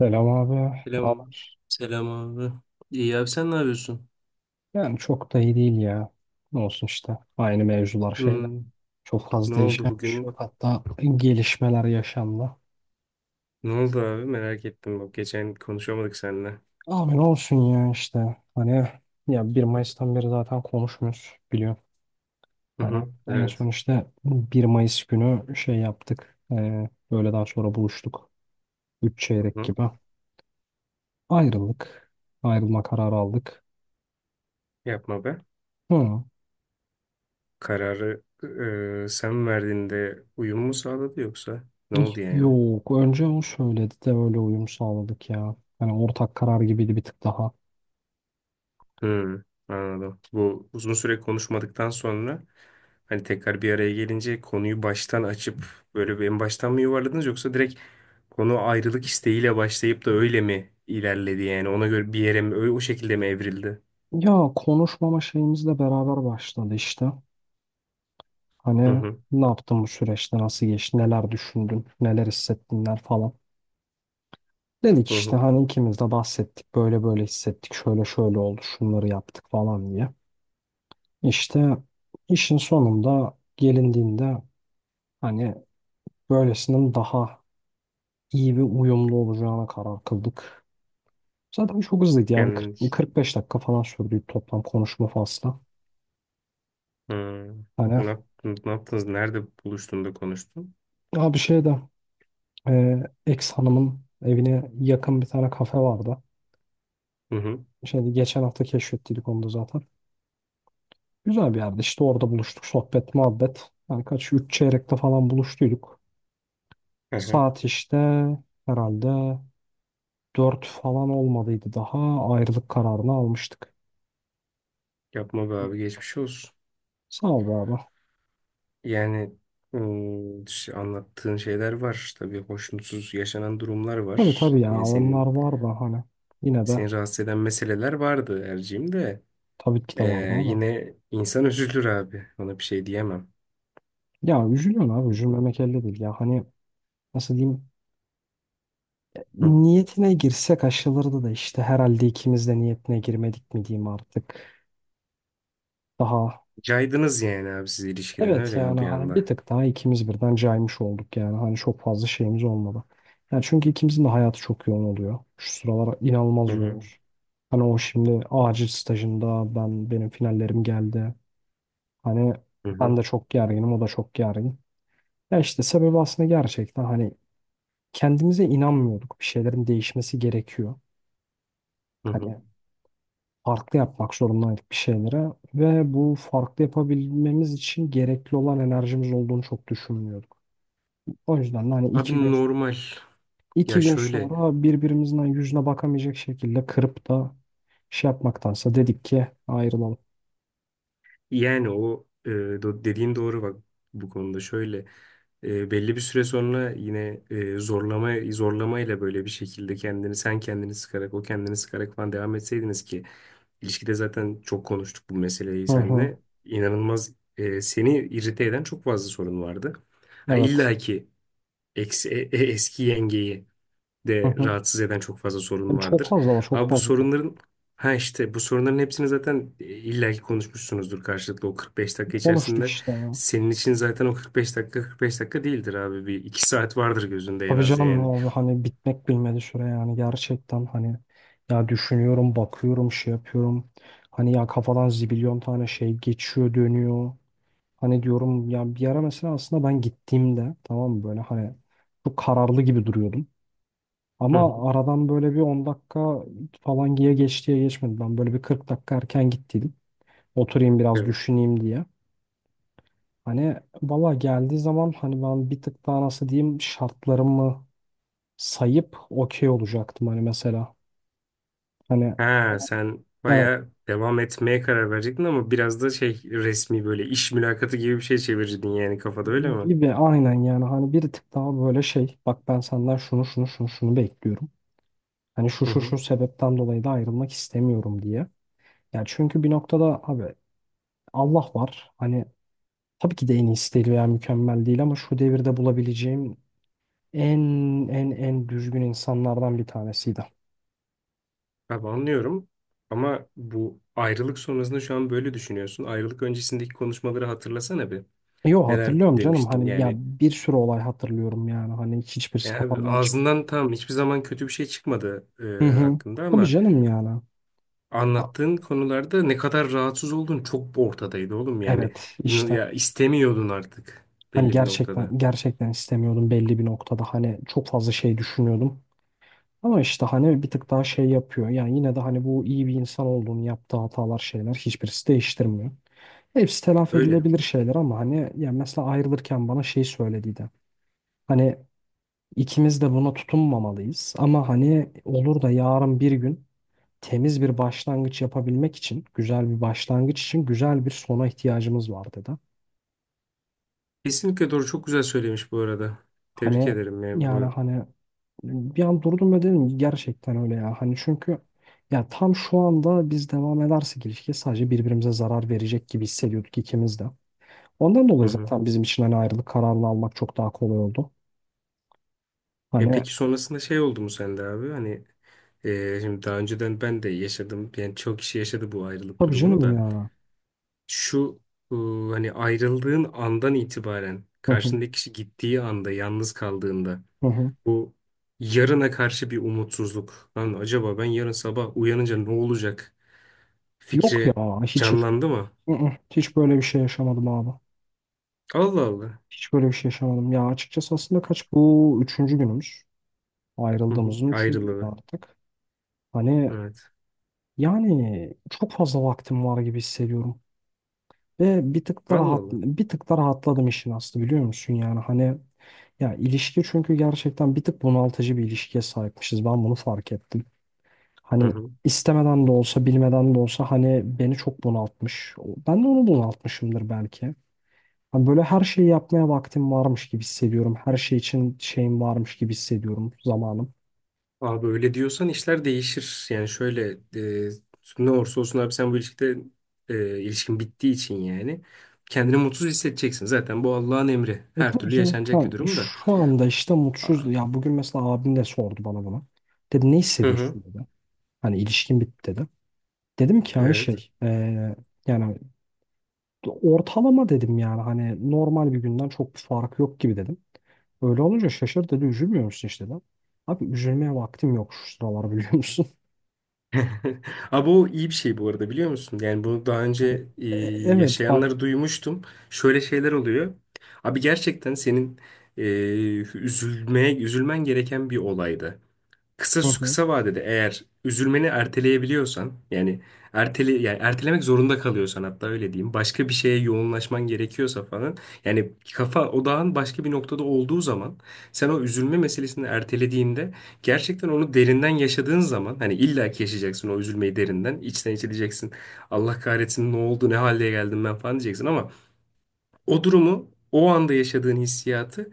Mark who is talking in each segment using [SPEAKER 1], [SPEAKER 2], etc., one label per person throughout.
[SPEAKER 1] Selam abi. Ne
[SPEAKER 2] Selam.
[SPEAKER 1] haber?
[SPEAKER 2] Selam abi. İyi abi, sen ne yapıyorsun?
[SPEAKER 1] Yani çok da iyi değil ya. Ne olsun işte. Aynı mevzular şeyler.
[SPEAKER 2] Hmm.
[SPEAKER 1] Çok fazla
[SPEAKER 2] Ne oldu
[SPEAKER 1] değişen bir şey yok.
[SPEAKER 2] bugün?
[SPEAKER 1] Hatta gelişmeler yaşandı.
[SPEAKER 2] Ne oldu abi? Merak ettim. Bak geçen konuşamadık seninle.
[SPEAKER 1] Abi ne olsun ya işte. Hani ya 1 Mayıs'tan beri zaten konuşmuyoruz biliyorum.
[SPEAKER 2] Hı
[SPEAKER 1] Hani
[SPEAKER 2] hı.
[SPEAKER 1] en son
[SPEAKER 2] Evet.
[SPEAKER 1] işte 1 Mayıs günü şey yaptık. Öğleden sonra buluştuk. Üç
[SPEAKER 2] Hı
[SPEAKER 1] çeyrek
[SPEAKER 2] hı.
[SPEAKER 1] gibi. Ayrıldık. Ayrılma kararı aldık.
[SPEAKER 2] Yapma be.
[SPEAKER 1] Hı.
[SPEAKER 2] Kararı sen verdiğinde uyum mu sağladı yoksa? Ne oldu yani?
[SPEAKER 1] Yok. Önce o söyledi de öyle uyum sağladık ya. Yani ortak karar gibiydi bir tık daha.
[SPEAKER 2] Hmm, anladım. Bu uzun süre konuşmadıktan sonra hani tekrar bir araya gelince konuyu baştan açıp böyle bir en baştan mı yuvarladınız, yoksa direkt konu ayrılık isteğiyle başlayıp da öyle mi ilerledi, yani ona göre bir yere mi o şekilde mi evrildi?
[SPEAKER 1] Ya konuşmama şeyimizle beraber başladı işte.
[SPEAKER 2] Hı
[SPEAKER 1] Hani
[SPEAKER 2] hı
[SPEAKER 1] ne yaptın bu süreçte, nasıl geçti, neler düşündün, neler hissettinler falan. Dedik
[SPEAKER 2] hı
[SPEAKER 1] işte
[SPEAKER 2] hı.
[SPEAKER 1] hani ikimiz de bahsettik, böyle böyle hissettik, şöyle şöyle oldu, şunları yaptık falan diye. İşte işin sonunda gelindiğinde hani böylesinin daha iyi ve uyumlu olacağına karar kıldık. Zaten çok hızlıydı ya. Bir 40,
[SPEAKER 2] Yani
[SPEAKER 1] 45 dakika falan sürdü toplam konuşma faslı.
[SPEAKER 2] hmm,
[SPEAKER 1] Hani
[SPEAKER 2] ne yaptınız? Nerede buluştun da konuştun?
[SPEAKER 1] abi şey de e, ex hanımın evine yakın bir tane kafe vardı.
[SPEAKER 2] Hı hı.
[SPEAKER 1] Şimdi geçen hafta keşfettiydik onu da zaten. Güzel bir yerde. İşte orada buluştuk. Sohbet, muhabbet. Yani kaç? Üç çeyrekte falan buluştuyduk.
[SPEAKER 2] Hı hı.
[SPEAKER 1] Saat işte herhalde 4 falan olmadıydı daha. Ayrılık kararını almıştık.
[SPEAKER 2] Yapma be abi, geçmiş olsun.
[SPEAKER 1] Sağ ol be abi.
[SPEAKER 2] Yani anlattığın şeyler var. Tabii hoşnutsuz yaşanan durumlar
[SPEAKER 1] Tabii
[SPEAKER 2] var.
[SPEAKER 1] tabii ya.
[SPEAKER 2] Yani
[SPEAKER 1] Onlar
[SPEAKER 2] senin
[SPEAKER 1] var da hani. Yine de
[SPEAKER 2] seni rahatsız eden meseleler vardı Erciğim de.
[SPEAKER 1] tabii ki de
[SPEAKER 2] Ee,
[SPEAKER 1] vardı ama.
[SPEAKER 2] yine insan üzülür abi. Ona bir şey diyemem.
[SPEAKER 1] Ya üzülüyorsun abi, üzülmemek elde değil ya hani, nasıl diyeyim,
[SPEAKER 2] Hı.
[SPEAKER 1] niyetine girsek aşılırdı da işte herhalde ikimiz de niyetine girmedik mi diyeyim artık daha.
[SPEAKER 2] Caydınız yani abi siz ilişkiden,
[SPEAKER 1] Evet
[SPEAKER 2] öyle mi,
[SPEAKER 1] yani
[SPEAKER 2] bir
[SPEAKER 1] hani
[SPEAKER 2] anda?
[SPEAKER 1] bir tık daha ikimiz birden caymış olduk, yani hani çok fazla şeyimiz olmadı. Yani çünkü ikimizin de hayatı çok yoğun oluyor şu sıralar, inanılmaz
[SPEAKER 2] Hı hı.
[SPEAKER 1] yoğunuz. Hani o şimdi acil stajında, benim finallerim geldi, hani
[SPEAKER 2] Hı
[SPEAKER 1] ben
[SPEAKER 2] hı.
[SPEAKER 1] de çok gerginim, o da çok gergin. Ya işte sebebi aslında gerçekten hani kendimize inanmıyorduk. Bir şeylerin değişmesi gerekiyor.
[SPEAKER 2] Hı hı.
[SPEAKER 1] Hani farklı yapmak zorundaydık bir şeylere ve bu farklı yapabilmemiz için gerekli olan enerjimiz olduğunu çok düşünmüyorduk. O yüzden de hani
[SPEAKER 2] Abi
[SPEAKER 1] iki gün
[SPEAKER 2] normal. Ya
[SPEAKER 1] iki gün
[SPEAKER 2] şöyle,
[SPEAKER 1] sonra birbirimizin hani yüzüne bakamayacak şekilde kırıp da şey yapmaktansa dedik ki ayrılalım.
[SPEAKER 2] yani o dediğin doğru bak, bu konuda şöyle. Belli bir süre sonra yine, zorlama zorlamayla böyle bir şekilde kendini, sen kendini sıkarak, o kendini sıkarak falan devam etseydiniz ki ilişkide zaten çok konuştuk bu meseleyi
[SPEAKER 1] Hı hı.
[SPEAKER 2] seninle. İnanılmaz, seni irite eden çok fazla sorun vardı. Ha
[SPEAKER 1] Evet.
[SPEAKER 2] illa ki eski yengeyi
[SPEAKER 1] Hı
[SPEAKER 2] de
[SPEAKER 1] hı.
[SPEAKER 2] rahatsız eden çok fazla sorun
[SPEAKER 1] Yani çok
[SPEAKER 2] vardır.
[SPEAKER 1] fazla var, çok
[SPEAKER 2] Abi bu
[SPEAKER 1] fazla.
[SPEAKER 2] sorunların ha işte bu sorunların hepsini zaten, illaki konuşmuşsunuzdur karşılıklı o 45 dakika
[SPEAKER 1] Konuştuk
[SPEAKER 2] içerisinde.
[SPEAKER 1] işte ya.
[SPEAKER 2] Senin için zaten o 45 dakika 45 dakika değildir abi, bir iki saat vardır gözünde en
[SPEAKER 1] Tabii
[SPEAKER 2] az
[SPEAKER 1] canım
[SPEAKER 2] yani.
[SPEAKER 1] abi, hani bitmek bilmedi süre yani, gerçekten hani ya düşünüyorum, bakıyorum, şey yapıyorum hani, ya kafadan zibilyon tane şey geçiyor dönüyor, hani diyorum ya, bir ara mesela aslında ben gittiğimde, tamam mı böyle, hani çok kararlı gibi duruyordum
[SPEAKER 2] Hı hı.
[SPEAKER 1] ama aradan böyle bir 10 dakika falan diye geçtiye geçmedi, ben böyle bir 40 dakika erken gittiydim, oturayım biraz
[SPEAKER 2] Evet.
[SPEAKER 1] düşüneyim diye. Hani valla geldiği zaman hani ben bir tık daha, nasıl diyeyim, şartlarımı sayıp okey olacaktım hani mesela. Hani
[SPEAKER 2] Ha sen
[SPEAKER 1] evet,
[SPEAKER 2] baya devam etmeye karar verecektin ama biraz da şey, resmi böyle iş mülakatı gibi bir şey çevirirdin yani, kafada öyle mi?
[SPEAKER 1] gibi, aynen yani hani bir tık daha böyle şey, bak ben senden şunu şunu şunu şunu bekliyorum. Hani şu
[SPEAKER 2] Hı
[SPEAKER 1] şu
[SPEAKER 2] hı.
[SPEAKER 1] şu sebepten dolayı da ayrılmak istemiyorum diye. Yani çünkü bir noktada abi Allah var. Hani tabii ki de en iyisi değil veya mükemmel değil ama şu devirde bulabileceğim en en düzgün insanlardan bir tanesiydi.
[SPEAKER 2] Abi anlıyorum ama bu ayrılık sonrasında şu an böyle düşünüyorsun. Ayrılık öncesindeki konuşmaları hatırlasana bir.
[SPEAKER 1] Yo
[SPEAKER 2] Neler
[SPEAKER 1] hatırlıyorum canım,
[SPEAKER 2] demiştin
[SPEAKER 1] hani ya
[SPEAKER 2] yani.
[SPEAKER 1] bir sürü olay hatırlıyorum, yani hani hiçbirisi
[SPEAKER 2] Ya abi,
[SPEAKER 1] kafamdan çık.
[SPEAKER 2] ağzından tam hiçbir zaman kötü bir şey çıkmadı
[SPEAKER 1] Hı hı.
[SPEAKER 2] hakkında,
[SPEAKER 1] Tabii
[SPEAKER 2] ama
[SPEAKER 1] canım yani.
[SPEAKER 2] anlattığın konularda ne kadar rahatsız olduğun çok ortadaydı oğlum yani.
[SPEAKER 1] Evet işte,
[SPEAKER 2] Ya istemiyordun artık
[SPEAKER 1] hani
[SPEAKER 2] belli bir noktada.
[SPEAKER 1] gerçekten gerçekten istemiyordum belli bir noktada, hani çok fazla şey düşünüyordum. Ama işte hani bir tık daha şey yapıyor. Yani yine de hani bu iyi bir insan olduğunu yaptığı hatalar şeyler hiçbirisi değiştirmiyor. Hepsi telafi
[SPEAKER 2] Öyle.
[SPEAKER 1] edilebilir şeyler ama hani, yani mesela ayrılırken bana şey söylediydi. Hani ikimiz de buna tutunmamalıyız ama hani olur da yarın bir gün temiz bir başlangıç yapabilmek için, güzel bir başlangıç için güzel bir sona ihtiyacımız var dedi.
[SPEAKER 2] Kesinlikle doğru, çok güzel söylemiş bu arada. Tebrik
[SPEAKER 1] Hani
[SPEAKER 2] ederim ya.
[SPEAKER 1] yani
[SPEAKER 2] Bu...
[SPEAKER 1] hani bir an durdum ve dedim ki gerçekten öyle ya. Hani çünkü ya tam şu anda biz devam edersek ilişkiye sadece birbirimize zarar verecek gibi hissediyorduk ikimiz de. Ondan
[SPEAKER 2] Hı
[SPEAKER 1] dolayı
[SPEAKER 2] hı.
[SPEAKER 1] zaten bizim için hani ayrılık kararını almak çok daha kolay oldu.
[SPEAKER 2] E
[SPEAKER 1] Hani
[SPEAKER 2] peki, sonrasında şey oldu mu sende abi? Hani şimdi daha önceden ben de yaşadım. Yani çok kişi yaşadı bu ayrılık
[SPEAKER 1] tabii
[SPEAKER 2] durumunu
[SPEAKER 1] canım
[SPEAKER 2] da.
[SPEAKER 1] ya.
[SPEAKER 2] Şu e, hani ayrıldığın andan itibaren
[SPEAKER 1] Hı hı,
[SPEAKER 2] karşındaki kişi gittiği anda yalnız kaldığında
[SPEAKER 1] hı hı.
[SPEAKER 2] bu yarına karşı bir umutsuzluk. Lan acaba ben yarın sabah uyanınca ne olacak
[SPEAKER 1] Yok
[SPEAKER 2] fikri
[SPEAKER 1] ya, hiç hiç,
[SPEAKER 2] canlandı mı?
[SPEAKER 1] hı hı, hiç böyle bir şey yaşamadım abi.
[SPEAKER 2] Allah Allah.
[SPEAKER 1] Hiç böyle bir şey yaşamadım. Ya açıkçası aslında kaç, bu üçüncü günümüz.
[SPEAKER 2] Hı hı.
[SPEAKER 1] Ayrıldığımızın üçüncü günü
[SPEAKER 2] Ayrılığı.
[SPEAKER 1] artık. Hani
[SPEAKER 2] Evet.
[SPEAKER 1] yani çok fazla vaktim var gibi hissediyorum. Ve
[SPEAKER 2] Allah Allah.
[SPEAKER 1] bir tık da rahatladım işin aslı biliyor musun yani hani, ya ilişki çünkü gerçekten bir tık bunaltıcı bir ilişkiye sahipmişiz. Ben bunu fark ettim.
[SPEAKER 2] Hı
[SPEAKER 1] Hani
[SPEAKER 2] hı.
[SPEAKER 1] istemeden de olsa, bilmeden de olsa hani beni çok bunaltmış. Ben de onu bunaltmışımdır belki. Hani böyle her şeyi yapmaya vaktim varmış gibi hissediyorum. Her şey için şeyim varmış gibi hissediyorum, zamanım.
[SPEAKER 2] Abi öyle diyorsan işler değişir. Yani şöyle, e, ne olursa olsun abi, sen bu ilişkide, ilişkin bittiği için yani, kendini mutsuz hissedeceksin. Zaten bu Allah'ın emri.
[SPEAKER 1] E
[SPEAKER 2] Her
[SPEAKER 1] tabii
[SPEAKER 2] türlü
[SPEAKER 1] canım. Ha,
[SPEAKER 2] yaşanacak bir durum da.
[SPEAKER 1] şu anda işte mutsuz.
[SPEAKER 2] Aa.
[SPEAKER 1] Ya bugün mesela abim de sordu bana bunu. Dedi ne
[SPEAKER 2] Hı hı.
[SPEAKER 1] hissediyorsun dedi. Hani ilişkin bitti dedi. Dedim ki hani
[SPEAKER 2] Evet.
[SPEAKER 1] şey, yani ortalama dedim, yani hani normal bir günden çok bir fark yok gibi dedim. Öyle olunca şaşır dedi üzülmüyor musun işte dedim. Abi üzülmeye vaktim yok şu sıralar biliyor musun?
[SPEAKER 2] Abi o iyi bir şey bu arada, biliyor musun? Yani bunu daha
[SPEAKER 1] Hani
[SPEAKER 2] önce,
[SPEAKER 1] e- evet bak,
[SPEAKER 2] yaşayanları duymuştum. Şöyle şeyler oluyor. Abi gerçekten senin, e, üzülmeye, üzülmen gereken bir olaydı. Kısa
[SPEAKER 1] hı hı,
[SPEAKER 2] kısa vadede eğer üzülmeni erteleyebiliyorsan yani ertele, yani ertelemek zorunda kalıyorsan, hatta öyle diyeyim, başka bir şeye yoğunlaşman gerekiyorsa falan, yani kafa odağın başka bir noktada olduğu zaman, sen o üzülme meselesini ertelediğinde gerçekten onu derinden yaşadığın zaman, hani illa ki yaşayacaksın o üzülmeyi derinden içten içe, diyeceksin Allah kahretsin ne oldu ne hale geldim ben falan, diyeceksin ama o durumu, o anda yaşadığın hissiyatı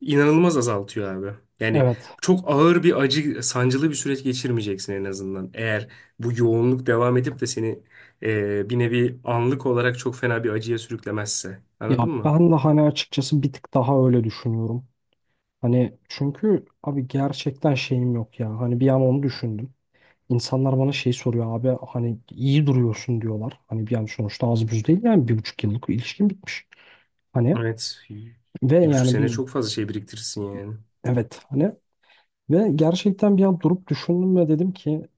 [SPEAKER 2] inanılmaz azaltıyor abi. Yani
[SPEAKER 1] evet
[SPEAKER 2] çok ağır bir acı, sancılı bir süreç geçirmeyeceksin en azından. Eğer bu yoğunluk devam edip de seni, bir nevi anlık olarak çok fena bir acıya sürüklemezse.
[SPEAKER 1] ya
[SPEAKER 2] Anladın mı?
[SPEAKER 1] ben de hani açıkçası bir tık daha öyle düşünüyorum. Hani çünkü abi gerçekten şeyim yok ya hani bir an onu düşündüm. İnsanlar bana şey soruyor abi hani iyi duruyorsun diyorlar. Hani bir an sonuçta az buz değil yani, 1,5 yıllık ilişkin bitmiş. Hani
[SPEAKER 2] Evet.
[SPEAKER 1] ve
[SPEAKER 2] Bir buçuk
[SPEAKER 1] yani
[SPEAKER 2] sene
[SPEAKER 1] bir,
[SPEAKER 2] çok fazla şey biriktirirsin yani.
[SPEAKER 1] evet hani ve gerçekten bir an durup düşündüm ve dedim ki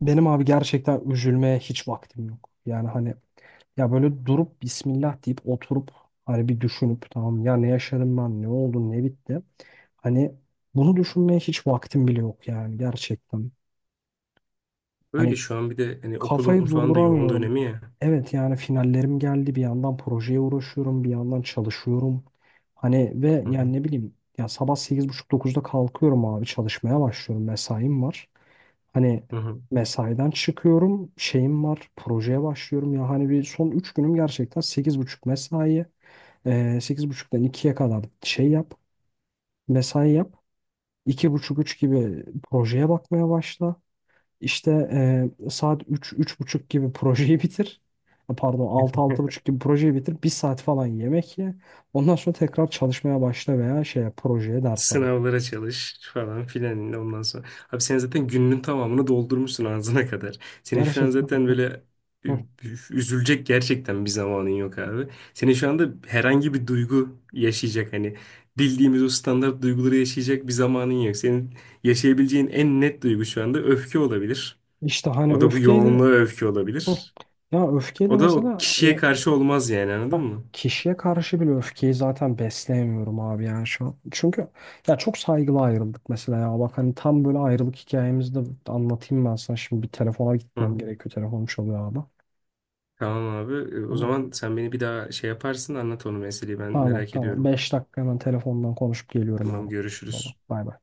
[SPEAKER 1] benim abi gerçekten üzülmeye hiç vaktim yok. Yani hani ya böyle durup Bismillah deyip oturup hani bir düşünüp, tamam ya ne yaşadım ben, ne oldu, ne bitti. Hani bunu düşünmeye hiç vaktim bile yok yani gerçekten.
[SPEAKER 2] Öyle,
[SPEAKER 1] Hani
[SPEAKER 2] şu an bir de hani okulun
[SPEAKER 1] kafayı
[SPEAKER 2] falan da yoğun
[SPEAKER 1] durduramıyorum.
[SPEAKER 2] dönemi ya.
[SPEAKER 1] Evet yani finallerim geldi. Bir yandan projeye uğraşıyorum. Bir yandan çalışıyorum. Hani ve
[SPEAKER 2] Hı hı.
[SPEAKER 1] yani ne bileyim ya sabah 8:30-9'da kalkıyorum abi, çalışmaya başlıyorum. Mesaim var. Hani
[SPEAKER 2] Hı hı.
[SPEAKER 1] mesaiden çıkıyorum. Şeyim var. Projeye başlıyorum. Ya hani bir son 3 günüm gerçekten 8:30 mesai. Ee, 8:30'dan 2'ye kadar şey yap. Mesai yap. 2:30-3 gibi projeye bakmaya başla. İşte saat üç üç buçuk gibi projeyi bitir. Ha, pardon altı altı buçuk gibi projeyi bitir. Bir saat falan yemek ye. Ondan sonra tekrar çalışmaya başla veya şeye projeye derse bak.
[SPEAKER 2] Sınavlara çalış falan filan. Ondan sonra. Abi sen zaten gününün tamamını doldurmuşsun ağzına kadar. Senin şu an
[SPEAKER 1] Gerçekten
[SPEAKER 2] zaten
[SPEAKER 1] hani,
[SPEAKER 2] böyle ü-
[SPEAKER 1] hı.
[SPEAKER 2] üzülecek gerçekten bir zamanın yok abi. Senin şu anda herhangi bir duygu yaşayacak, hani bildiğimiz o standart duyguları yaşayacak bir zamanın yok. Senin yaşayabileceğin en net duygu şu anda öfke olabilir.
[SPEAKER 1] işte hani
[SPEAKER 2] O da bu
[SPEAKER 1] öfkeyle,
[SPEAKER 2] yoğunluğa öfke
[SPEAKER 1] hı.
[SPEAKER 2] olabilir.
[SPEAKER 1] Ya öfkeyle
[SPEAKER 2] O da o
[SPEAKER 1] mesela
[SPEAKER 2] kişiye
[SPEAKER 1] o
[SPEAKER 2] karşı olmaz yani, anladın mı?
[SPEAKER 1] kişiye karşı bile öfkeyi zaten besleyemiyorum abi yani şu an. Çünkü ya çok saygılı ayrıldık mesela ya. Bak hani tam böyle ayrılık hikayemizi de anlatayım ben sana. Şimdi bir telefona gitmem gerekiyor. Telefonum çalıyor abi.
[SPEAKER 2] Tamam abi. E, o
[SPEAKER 1] Tamam.
[SPEAKER 2] zaman sen beni bir daha şey yaparsın, anlat onu meseleyi, ben
[SPEAKER 1] Tamam
[SPEAKER 2] merak
[SPEAKER 1] tamam.
[SPEAKER 2] ediyorum.
[SPEAKER 1] 5 dakika hemen telefondan konuşup geliyorum
[SPEAKER 2] Tamam,
[SPEAKER 1] abi. Tamam.
[SPEAKER 2] görüşürüz.
[SPEAKER 1] Bay bay.